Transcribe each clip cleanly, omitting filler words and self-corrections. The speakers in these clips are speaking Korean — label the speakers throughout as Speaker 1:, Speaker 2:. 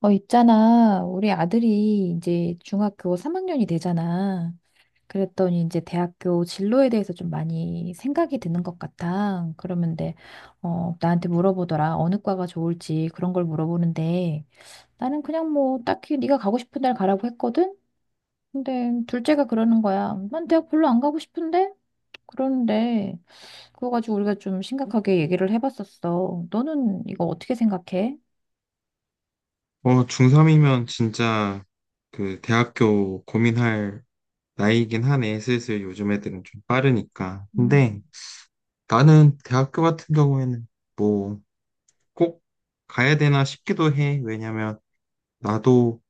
Speaker 1: 있잖아. 우리 아들이 이제 중학교 3학년이 되잖아. 그랬더니 이제 대학교 진로에 대해서 좀 많이 생각이 드는 것 같아. 그러는데, 나한테 물어보더라. 어느 과가 좋을지 그런 걸 물어보는데, 나는 그냥 뭐 딱히 네가 가고 싶은 날 가라고 했거든? 근데 둘째가 그러는 거야. 난 대학 별로 안 가고 싶은데? 그러는데, 그거 가지고 우리가 좀 심각하게 얘기를 해봤었어. 너는 이거 어떻게 생각해?
Speaker 2: 중3이면 진짜 대학교 고민할 나이긴 하네. 슬슬 요즘 애들은 좀 빠르니까.
Speaker 1: 음,
Speaker 2: 근데 나는 대학교 같은 경우에는 뭐 꼭 가야 되나 싶기도 해. 왜냐면 나도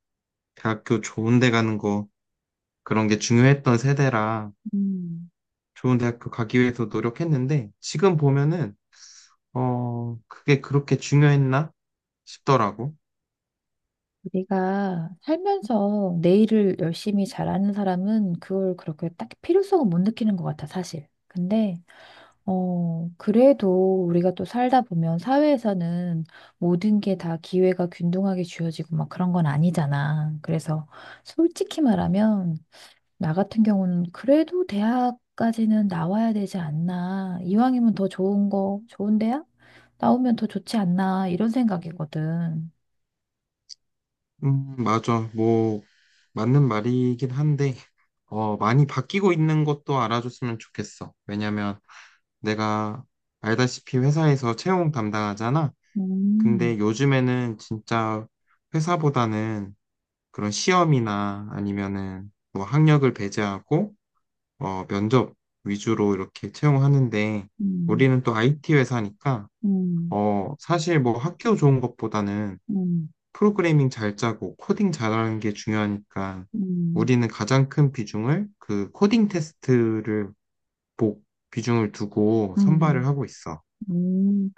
Speaker 2: 대학교 좋은 데 가는 거 그런 게 중요했던 세대라
Speaker 1: 음.
Speaker 2: 좋은 대학교 가기 위해서 노력했는데 지금 보면은 그게 그렇게 중요했나 싶더라고.
Speaker 1: 우리가 살면서 내일을 열심히 잘하는 사람은 그걸 그렇게 딱 필요성을 못 느끼는 것 같아, 사실. 근데, 그래도 우리가 또 살다 보면 사회에서는 모든 게 다 기회가 균등하게 주어지고 막 그런 건 아니잖아. 그래서 솔직히 말하면, 나 같은 경우는 그래도 대학까지는 나와야 되지 않나. 이왕이면 더 좋은 거, 좋은 대학? 나오면 더 좋지 않나. 이런 생각이거든.
Speaker 2: 맞아. 맞는 말이긴 한데 많이 바뀌고 있는 것도 알아줬으면 좋겠어. 왜냐면 내가 알다시피 회사에서 채용 담당하잖아.
Speaker 1: 음.
Speaker 2: 근데 요즘에는 진짜 회사보다는 그런 시험이나 아니면은 뭐 학력을 배제하고 면접 위주로 이렇게 채용하는데
Speaker 1: 음.
Speaker 2: 우리는 또 IT 회사니까
Speaker 1: 음,
Speaker 2: 어, 사실 뭐 학교 좋은 것보다는
Speaker 1: 음,
Speaker 2: 프로그래밍 잘 짜고 코딩 잘하는 게 중요하니까
Speaker 1: 음,
Speaker 2: 우리는 가장 큰 비중을 그 코딩 테스트를 복 비중을 두고 선발을
Speaker 1: 음,
Speaker 2: 하고 있어.
Speaker 1: 음.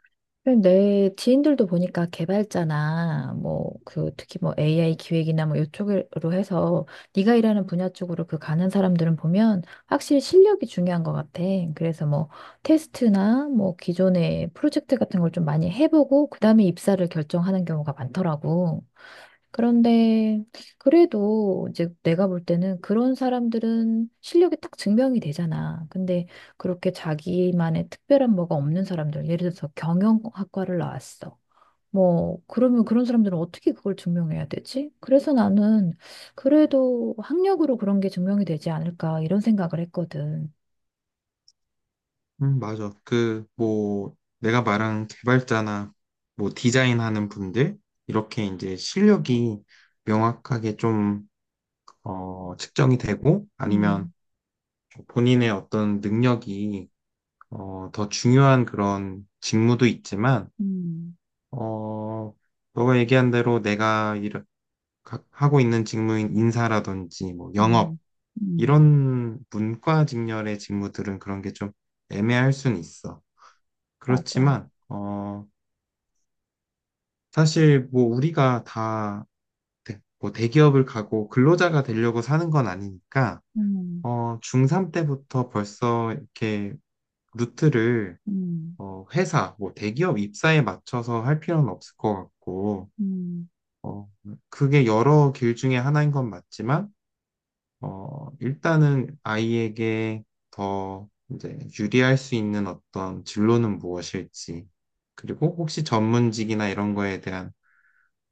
Speaker 1: 근데 내 지인들도 보니까 개발자나 뭐 그 특히 뭐 AI 기획이나 뭐 이쪽으로 해서 네가 일하는 분야 쪽으로 그 가는 사람들은 보면 확실히 실력이 중요한 것 같아. 그래서 뭐 테스트나 뭐 기존의 프로젝트 같은 걸 좀 많이 해보고 그다음에 입사를 결정하는 경우가 많더라고. 그런데 그래도 이제 내가 볼 때는 그런 사람들은 실력이 딱 증명이 되잖아. 근데 그렇게 자기만의 특별한 뭐가 없는 사람들, 예를 들어서 경영학과를 나왔어. 뭐, 그러면 그런 사람들은 어떻게 그걸 증명해야 되지? 그래서 나는 그래도 학력으로 그런 게 증명이 되지 않을까 이런 생각을 했거든.
Speaker 2: 맞아. 내가 말한 개발자나 뭐 디자인하는 분들, 이렇게 이제 실력이 명확하게 좀, 측정이 되고, 아니면
Speaker 1: 음,
Speaker 2: 본인의 어떤 능력이, 더 중요한 그런 직무도 있지만,
Speaker 1: 음,
Speaker 2: 어, 너가 얘기한 대로 하고 있는 직무인 인사라든지, 뭐, 영업,
Speaker 1: 음, 음,
Speaker 2: 이런 문과 직렬의 직무들은 그런 게 좀 애매할 순 있어.
Speaker 1: 맞아.
Speaker 2: 그렇지만, 사실 뭐 우리가 뭐 대기업을 가고 근로자가 되려고 사는 건 아니니까,
Speaker 1: 음,
Speaker 2: 중3 때부터 벌써 이렇게 루트를
Speaker 1: 음,
Speaker 2: 회사, 뭐 대기업 입사에 맞춰서 할 필요는 없을 것 같고,
Speaker 1: 음,
Speaker 2: 어, 그게 여러 길 중에 하나인 건 맞지만, 일단은 아이에게 더 이제 유리할 수 있는 어떤 진로는 무엇일지, 그리고 혹시 전문직이나 이런 거에 대한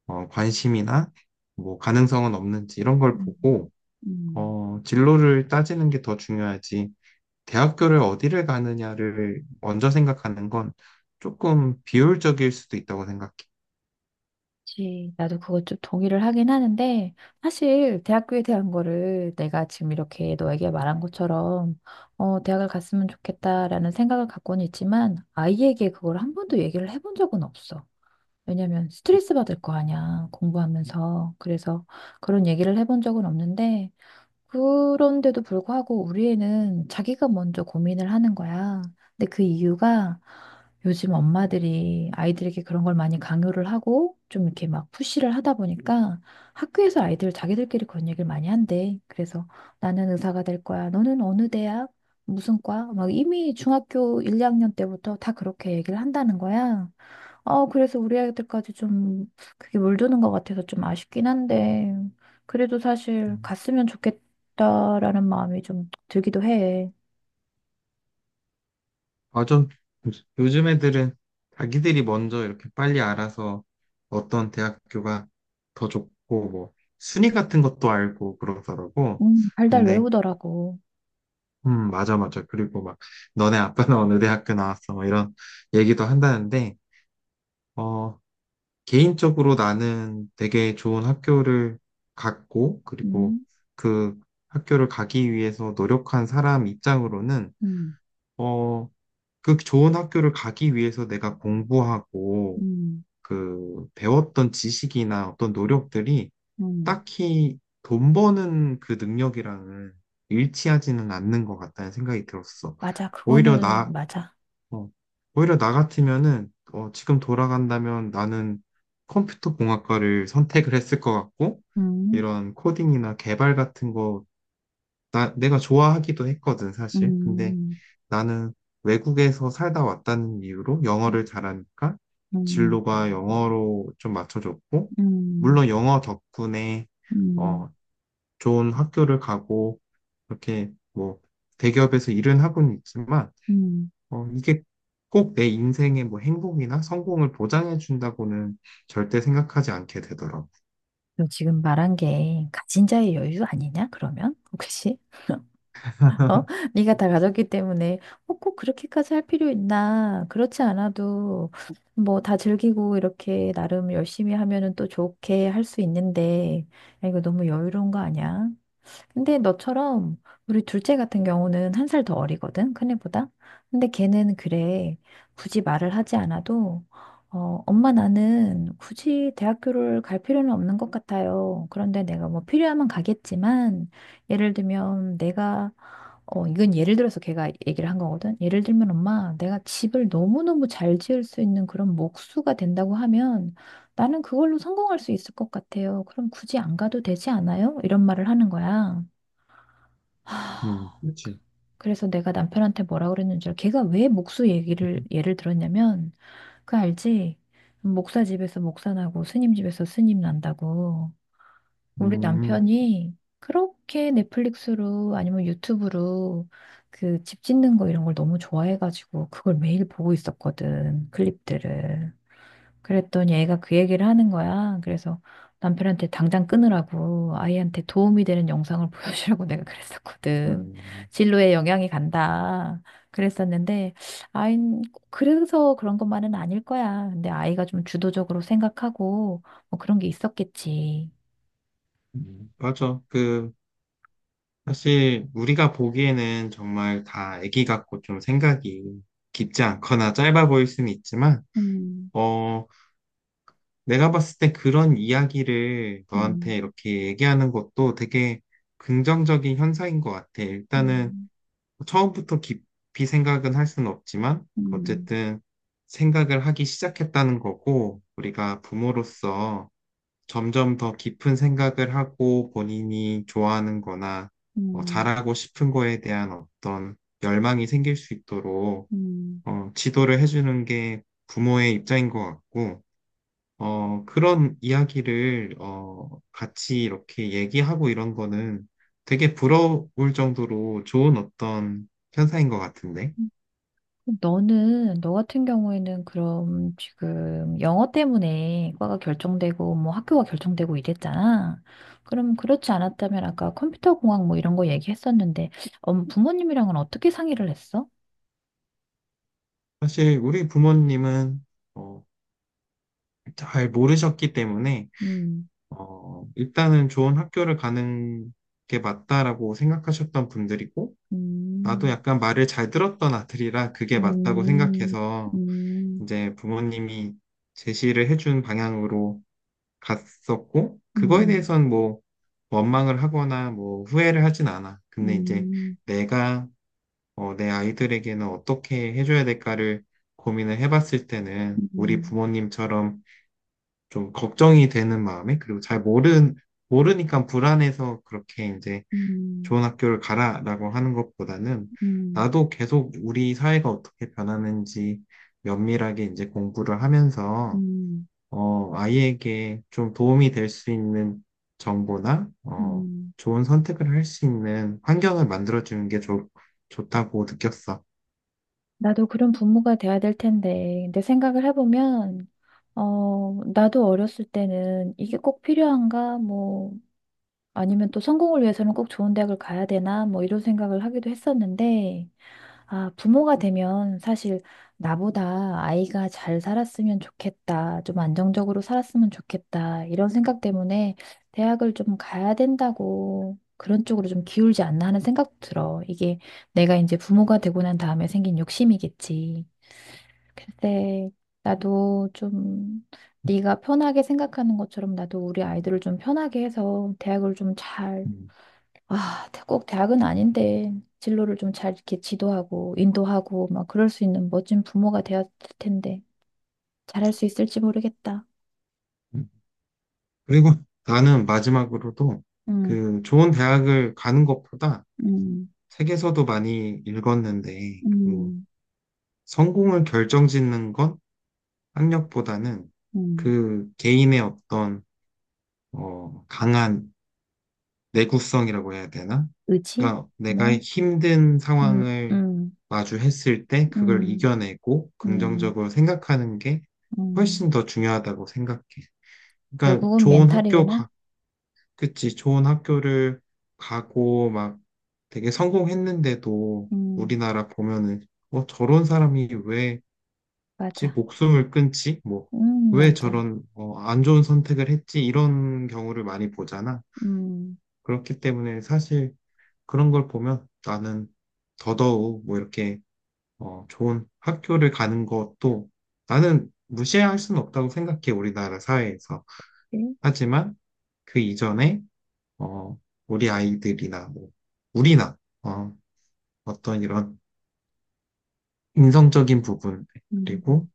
Speaker 2: 관심이나 뭐 가능성은 없는지 이런 걸
Speaker 1: 음,
Speaker 2: 보고,
Speaker 1: 음.
Speaker 2: 진로를 따지는 게 더 중요하지. 대학교를 어디를 가느냐를 먼저 생각하는 건 조금 비효율적일 수도 있다고 생각해.
Speaker 1: 그치. 나도 그것 좀 동의를 하긴 하는데, 사실 대학교에 대한 거를 내가 지금 이렇게 너에게 말한 것처럼, 대학을 갔으면 좋겠다라는 생각을 갖고는 있지만, 아이에게 그걸 한 번도 얘기를 해본 적은 없어. 왜냐면 스트레스 받을 거 아니야, 공부하면서. 그래서 그런 얘기를 해본 적은 없는데, 그런데도 불구하고 우리 애는 자기가 먼저 고민을 하는 거야. 근데 그 이유가 요즘 엄마들이 아이들에게 그런 걸 많이 강요를 하고 좀 이렇게 막 푸시를 하다 보니까 학교에서 아이들 자기들끼리 그런 얘기를 많이 한대. 그래서 나는 의사가 될 거야. 너는 어느 대학? 무슨 과? 막 이미 중학교 1, 2학년 때부터 다 그렇게 얘기를 한다는 거야. 그래서 우리 아이들까지 좀 그게 물드는 것 같아서 좀 아쉽긴 한데, 그래도 사실 갔으면 좋겠다라는 마음이 좀 들기도 해.
Speaker 2: 아, 좀, 요즘 애들은 자기들이 먼저 이렇게 빨리 알아서 어떤 대학교가 더 좋고, 뭐, 순위 같은 것도 알고 그러더라고.
Speaker 1: 달달
Speaker 2: 근데,
Speaker 1: 외우더라고.
Speaker 2: 맞아, 맞아. 그리고 막, 너네 아빠는 어느 대학교 나왔어? 막 이런 얘기도 한다는데, 어, 개인적으로 나는 되게 좋은 학교를 갔고, 그리고
Speaker 1: 음,
Speaker 2: 그 학교를 가기 위해서 노력한 사람 입장으로는,
Speaker 1: 음,
Speaker 2: 어, 그 좋은 학교를 가기 위해서 내가 공부하고
Speaker 1: 음,
Speaker 2: 그 배웠던 지식이나 어떤 노력들이
Speaker 1: 음,
Speaker 2: 딱히 돈 버는 그 능력이랑은 일치하지는 않는 것 같다는 생각이 들었어.
Speaker 1: 맞아,
Speaker 2: 오히려
Speaker 1: 그거는
Speaker 2: 나,
Speaker 1: 맞아.
Speaker 2: 어, 오히려 나 같으면은 어, 지금 돌아간다면 나는 컴퓨터 공학과를 선택을 했을 것 같고
Speaker 1: 음,
Speaker 2: 이런 코딩이나 개발 같은 거 내가 좋아하기도 했거든, 사실. 근데
Speaker 1: 음,
Speaker 2: 나는 외국에서 살다 왔다는 이유로
Speaker 1: 음,
Speaker 2: 영어를 잘하니까
Speaker 1: 음,
Speaker 2: 진로가 영어로 좀 맞춰졌고,
Speaker 1: 음,
Speaker 2: 물론 영어 덕분에 어, 좋은 학교를 가고, 이렇게 뭐 대기업에서 일은 하고는 있지만,
Speaker 1: 음.
Speaker 2: 이게 꼭 내 인생의 뭐 행복이나 성공을 보장해 준다고는 절대 생각하지 않게 되더라고.
Speaker 1: 너 지금 말한 게 가진 자의 여유 아니냐, 그러면? 혹시? 어? 네가 다 가졌기 때문에 꼭 그렇게까지 할 필요 있나? 그렇지 않아도 뭐 다 즐기고 이렇게 나름 열심히 하면은 또 좋게 할 수 있는데 야, 이거 너무 여유로운 거 아니야? 근데 너처럼 우리 둘째 같은 경우는 한 살 더 어리거든, 큰애보다. 근데 걔는 그래 굳이 말을 하지 않아도 엄마, 나는 굳이 대학교를 갈 필요는 없는 것 같아요. 그런데 내가 뭐 필요하면 가겠지만 예를 들면 내가 이건 예를 들어서 걔가 얘기를 한 거거든. 예를 들면, 엄마, 내가 집을 너무너무 잘 지을 수 있는 그런 목수가 된다고 하면 나는 그걸로 성공할 수 있을 것 같아요. 그럼 굳이 안 가도 되지 않아요? 이런 말을 하는 거야. 하,
Speaker 2: 그렇지.
Speaker 1: 그래서 내가 남편한테 뭐라 그랬는지, 알아? 걔가 왜 목수 얘기를, 예를 들었냐면, 그 알지? 목사 집에서 목사 나고 스님 집에서 스님 난다고. 우리
Speaker 2: 음,
Speaker 1: 남편이 그렇게 넷플릭스로 아니면 유튜브로 그 집 짓는 거 이런 걸 너무 좋아해가지고 그걸 매일 보고 있었거든, 클립들을. 그랬더니 애가 그 얘기를 하는 거야. 그래서 남편한테 당장 끊으라고 아이한테 도움이 되는 영상을 보여주라고 내가 그랬었거든.
Speaker 2: 음,
Speaker 1: 진로에 영향이 간다. 그랬었는데, 아이, 그래서 그런 것만은 아닐 거야. 근데 아이가 좀 주도적으로 생각하고 뭐 그런 게 있었겠지.
Speaker 2: 맞아. 그 사실 우리가 보기에는 정말 다 애기 같고 좀 생각이 깊지 않거나 짧아 보일 수는 있지만,
Speaker 1: 음.
Speaker 2: 어, 내가 봤을 때 그런 이야기를
Speaker 1: 음,
Speaker 2: 너한테 이렇게 얘기하는 것도 되게 긍정적인 현상인 것 같아. 일단은
Speaker 1: 음,
Speaker 2: 처음부터 깊이 생각은 할 수는 없지만,
Speaker 1: 음,
Speaker 2: 어쨌든 생각을 하기 시작했다는 거고, 우리가 부모로서 점점 더 깊은 생각을 하고 본인이 좋아하는 거나
Speaker 1: 음,
Speaker 2: 잘하고 싶은 거에 대한 어떤 열망이 생길 수 있도록
Speaker 1: 음.
Speaker 2: 지도를 해주는 게 부모의 입장인 것 같고, 그런 이야기를 같이 이렇게 얘기하고 이런 거는 되게 부러울 정도로 좋은 어떤 현상인 것 같은데.
Speaker 1: 그럼 너는, 너 같은 경우에는 그럼 지금 영어 때문에 과가 결정되고 뭐 학교가 결정되고 이랬잖아. 그럼 그렇지 않았다면 아까 컴퓨터 공학 뭐 이런 거 얘기했었는데, 부모님이랑은 어떻게 상의를 했어?
Speaker 2: 사실 우리 부모님은 어, 잘 모르셨기 때문에
Speaker 1: 음,
Speaker 2: 일단은 좋은 학교를 가는 게 맞다라고 생각하셨던 분들이고, 나도
Speaker 1: 음,
Speaker 2: 약간 말을 잘 들었던 아들이라 그게 맞다고
Speaker 1: 음,
Speaker 2: 생각해서
Speaker 1: 음,
Speaker 2: 이제 부모님이 제시를 해준 방향으로 갔었고, 그거에
Speaker 1: 음,
Speaker 2: 대해선 뭐 원망을 하거나 뭐 후회를 하진 않아. 근데 이제
Speaker 1: 음,
Speaker 2: 내가 내 아이들에게는 어떻게 해줘야 될까를 고민을 해봤을 때는 우리
Speaker 1: 음,
Speaker 2: 부모님처럼 좀 걱정이 되는 마음에 그리고 잘모는 모르니까 불안해서 그렇게 이제
Speaker 1: 음,
Speaker 2: 좋은 학교를 가라라고 하는 것보다는
Speaker 1: 음,
Speaker 2: 나도 계속 우리 사회가 어떻게 변하는지 면밀하게 이제 공부를 하면서
Speaker 1: 음,
Speaker 2: 어 아이에게 좀 도움이 될 수 있는 정보나 어
Speaker 1: 음.
Speaker 2: 좋은 선택을 할 수 있는 환경을 만들어 주는 게 좋다고 느꼈어.
Speaker 1: 나도 그런 부모가 돼야 될 텐데. 근데 생각을 해보면, 나도 어렸을 때는 이게 꼭 필요한가? 뭐, 아니면 또 성공을 위해서는 꼭 좋은 대학을 가야 되나? 뭐 이런 생각을 하기도 했었는데, 아, 부모가 되면 사실 나보다 아이가 잘 살았으면 좋겠다. 좀 안정적으로 살았으면 좋겠다. 이런 생각 때문에 대학을 좀 가야 된다고 그런 쪽으로 좀 기울지 않나 하는 생각 도 들어. 이게 내가 이제 부모가 되고 난 다음에 생긴 욕심이겠지. 글쎄, 나도 좀 네가 편하게 생각하는 것처럼 나도 우리 아이들을 좀 편하게 해서 대학을 좀 잘,
Speaker 2: 음.
Speaker 1: 아, 꼭 대학은 아닌데 진로를 좀 잘 이렇게 지도하고 인도하고 막 그럴 수 있는 멋진 부모가 되었을 텐데 잘할 수 있을지 모르겠다.
Speaker 2: 음. 그리고 나는 마지막으로도
Speaker 1: 음,
Speaker 2: 그 좋은 대학을 가는 것보다
Speaker 1: 음,
Speaker 2: 책에서도 많이 읽었는데, 그
Speaker 1: 음,
Speaker 2: 성공을 결정짓는 건 학력보다는
Speaker 1: 음.
Speaker 2: 그 개인의 어떤, 강한 내구성이라고 해야 되나?
Speaker 1: 의지?
Speaker 2: 그러니까 내가
Speaker 1: 뭐,
Speaker 2: 힘든
Speaker 1: 음,
Speaker 2: 상황을
Speaker 1: 음,
Speaker 2: 마주했을 때 그걸
Speaker 1: 음,
Speaker 2: 이겨내고
Speaker 1: 음,
Speaker 2: 긍정적으로 생각하는 게
Speaker 1: 음,
Speaker 2: 훨씬 더 중요하다고 생각해. 그러니까
Speaker 1: 결국은
Speaker 2: 좋은 학교
Speaker 1: 멘탈이구나.
Speaker 2: 가, 그치, 좋은 학교를 가고 막 되게 성공했는데도
Speaker 1: 음,
Speaker 2: 우리나라 보면은 저런 사람이 왜
Speaker 1: 맞아.
Speaker 2: 목숨을 끊지? 뭐, 왜
Speaker 1: 맞아.
Speaker 2: 저런 어, 안 좋은 선택을 했지? 이런 경우를 많이 보잖아.
Speaker 1: 음.
Speaker 2: 그렇기 때문에 사실 그런 걸 보면 나는 더더욱 뭐 이렇게 좋은 학교를 가는 것도 나는 무시할 수는 없다고 생각해, 우리나라 사회에서. 하지만 그 이전에 어, 우리 아이들이나, 뭐, 우리나, 어, 어떤 이런 인성적인 부분, 그리고,
Speaker 1: 음,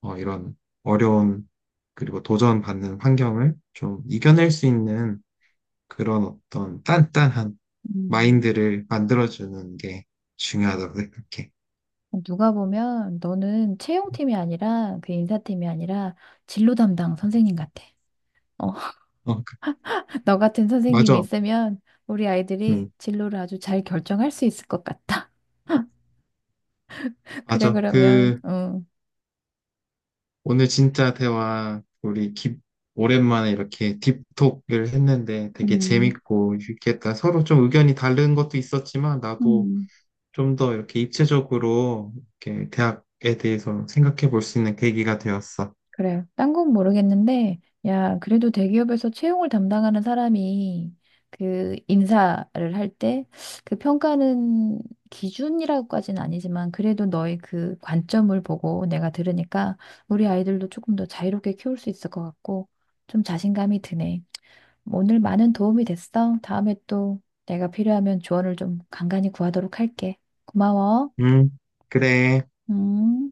Speaker 2: 이런 어려운, 그리고 도전받는 환경을 좀 이겨낼 수 있는 그런 어떤 단단한
Speaker 1: 음.
Speaker 2: 마인드를 만들어주는 게 중요하다고 생각해.
Speaker 1: 누가 보면 너는 채용팀이 아니라 그 인사팀이 아니라 진로 담당 선생님 같아. 어,
Speaker 2: 어, 그-
Speaker 1: 너 같은 선생님이
Speaker 2: 맞아.
Speaker 1: 있으면 우리 아이들이
Speaker 2: 응,
Speaker 1: 진로를 아주 잘 결정할 수 있을 것 같아. 그래,
Speaker 2: 맞아.
Speaker 1: 그러면, 응.
Speaker 2: 오늘 진짜 오랜만에 이렇게 딥톡을 했는데 되게
Speaker 1: 음,
Speaker 2: 재밌고 유익했다. 서로 좀 의견이 다른 것도 있었지만 나도
Speaker 1: 음.
Speaker 2: 좀 더 이렇게 입체적으로 이렇게 대학에 대해서 생각해 볼 수 있는 계기가 되었어.
Speaker 1: 그래요. 딴 건 모르겠는데, 야, 그래도 대기업에서 채용을 담당하는 사람이 그 인사를 할 때 그 평가는 기준이라고까지는 아니지만 그래도 너의 그 관점을 보고 내가 들으니까 우리 아이들도 조금 더 자유롭게 키울 수 있을 것 같고 좀 자신감이 드네. 오늘 많은 도움이 됐어. 다음에 또 내가 필요하면 조언을 좀 간간히 구하도록 할게. 고마워.
Speaker 2: 음, 그래.
Speaker 1: 음.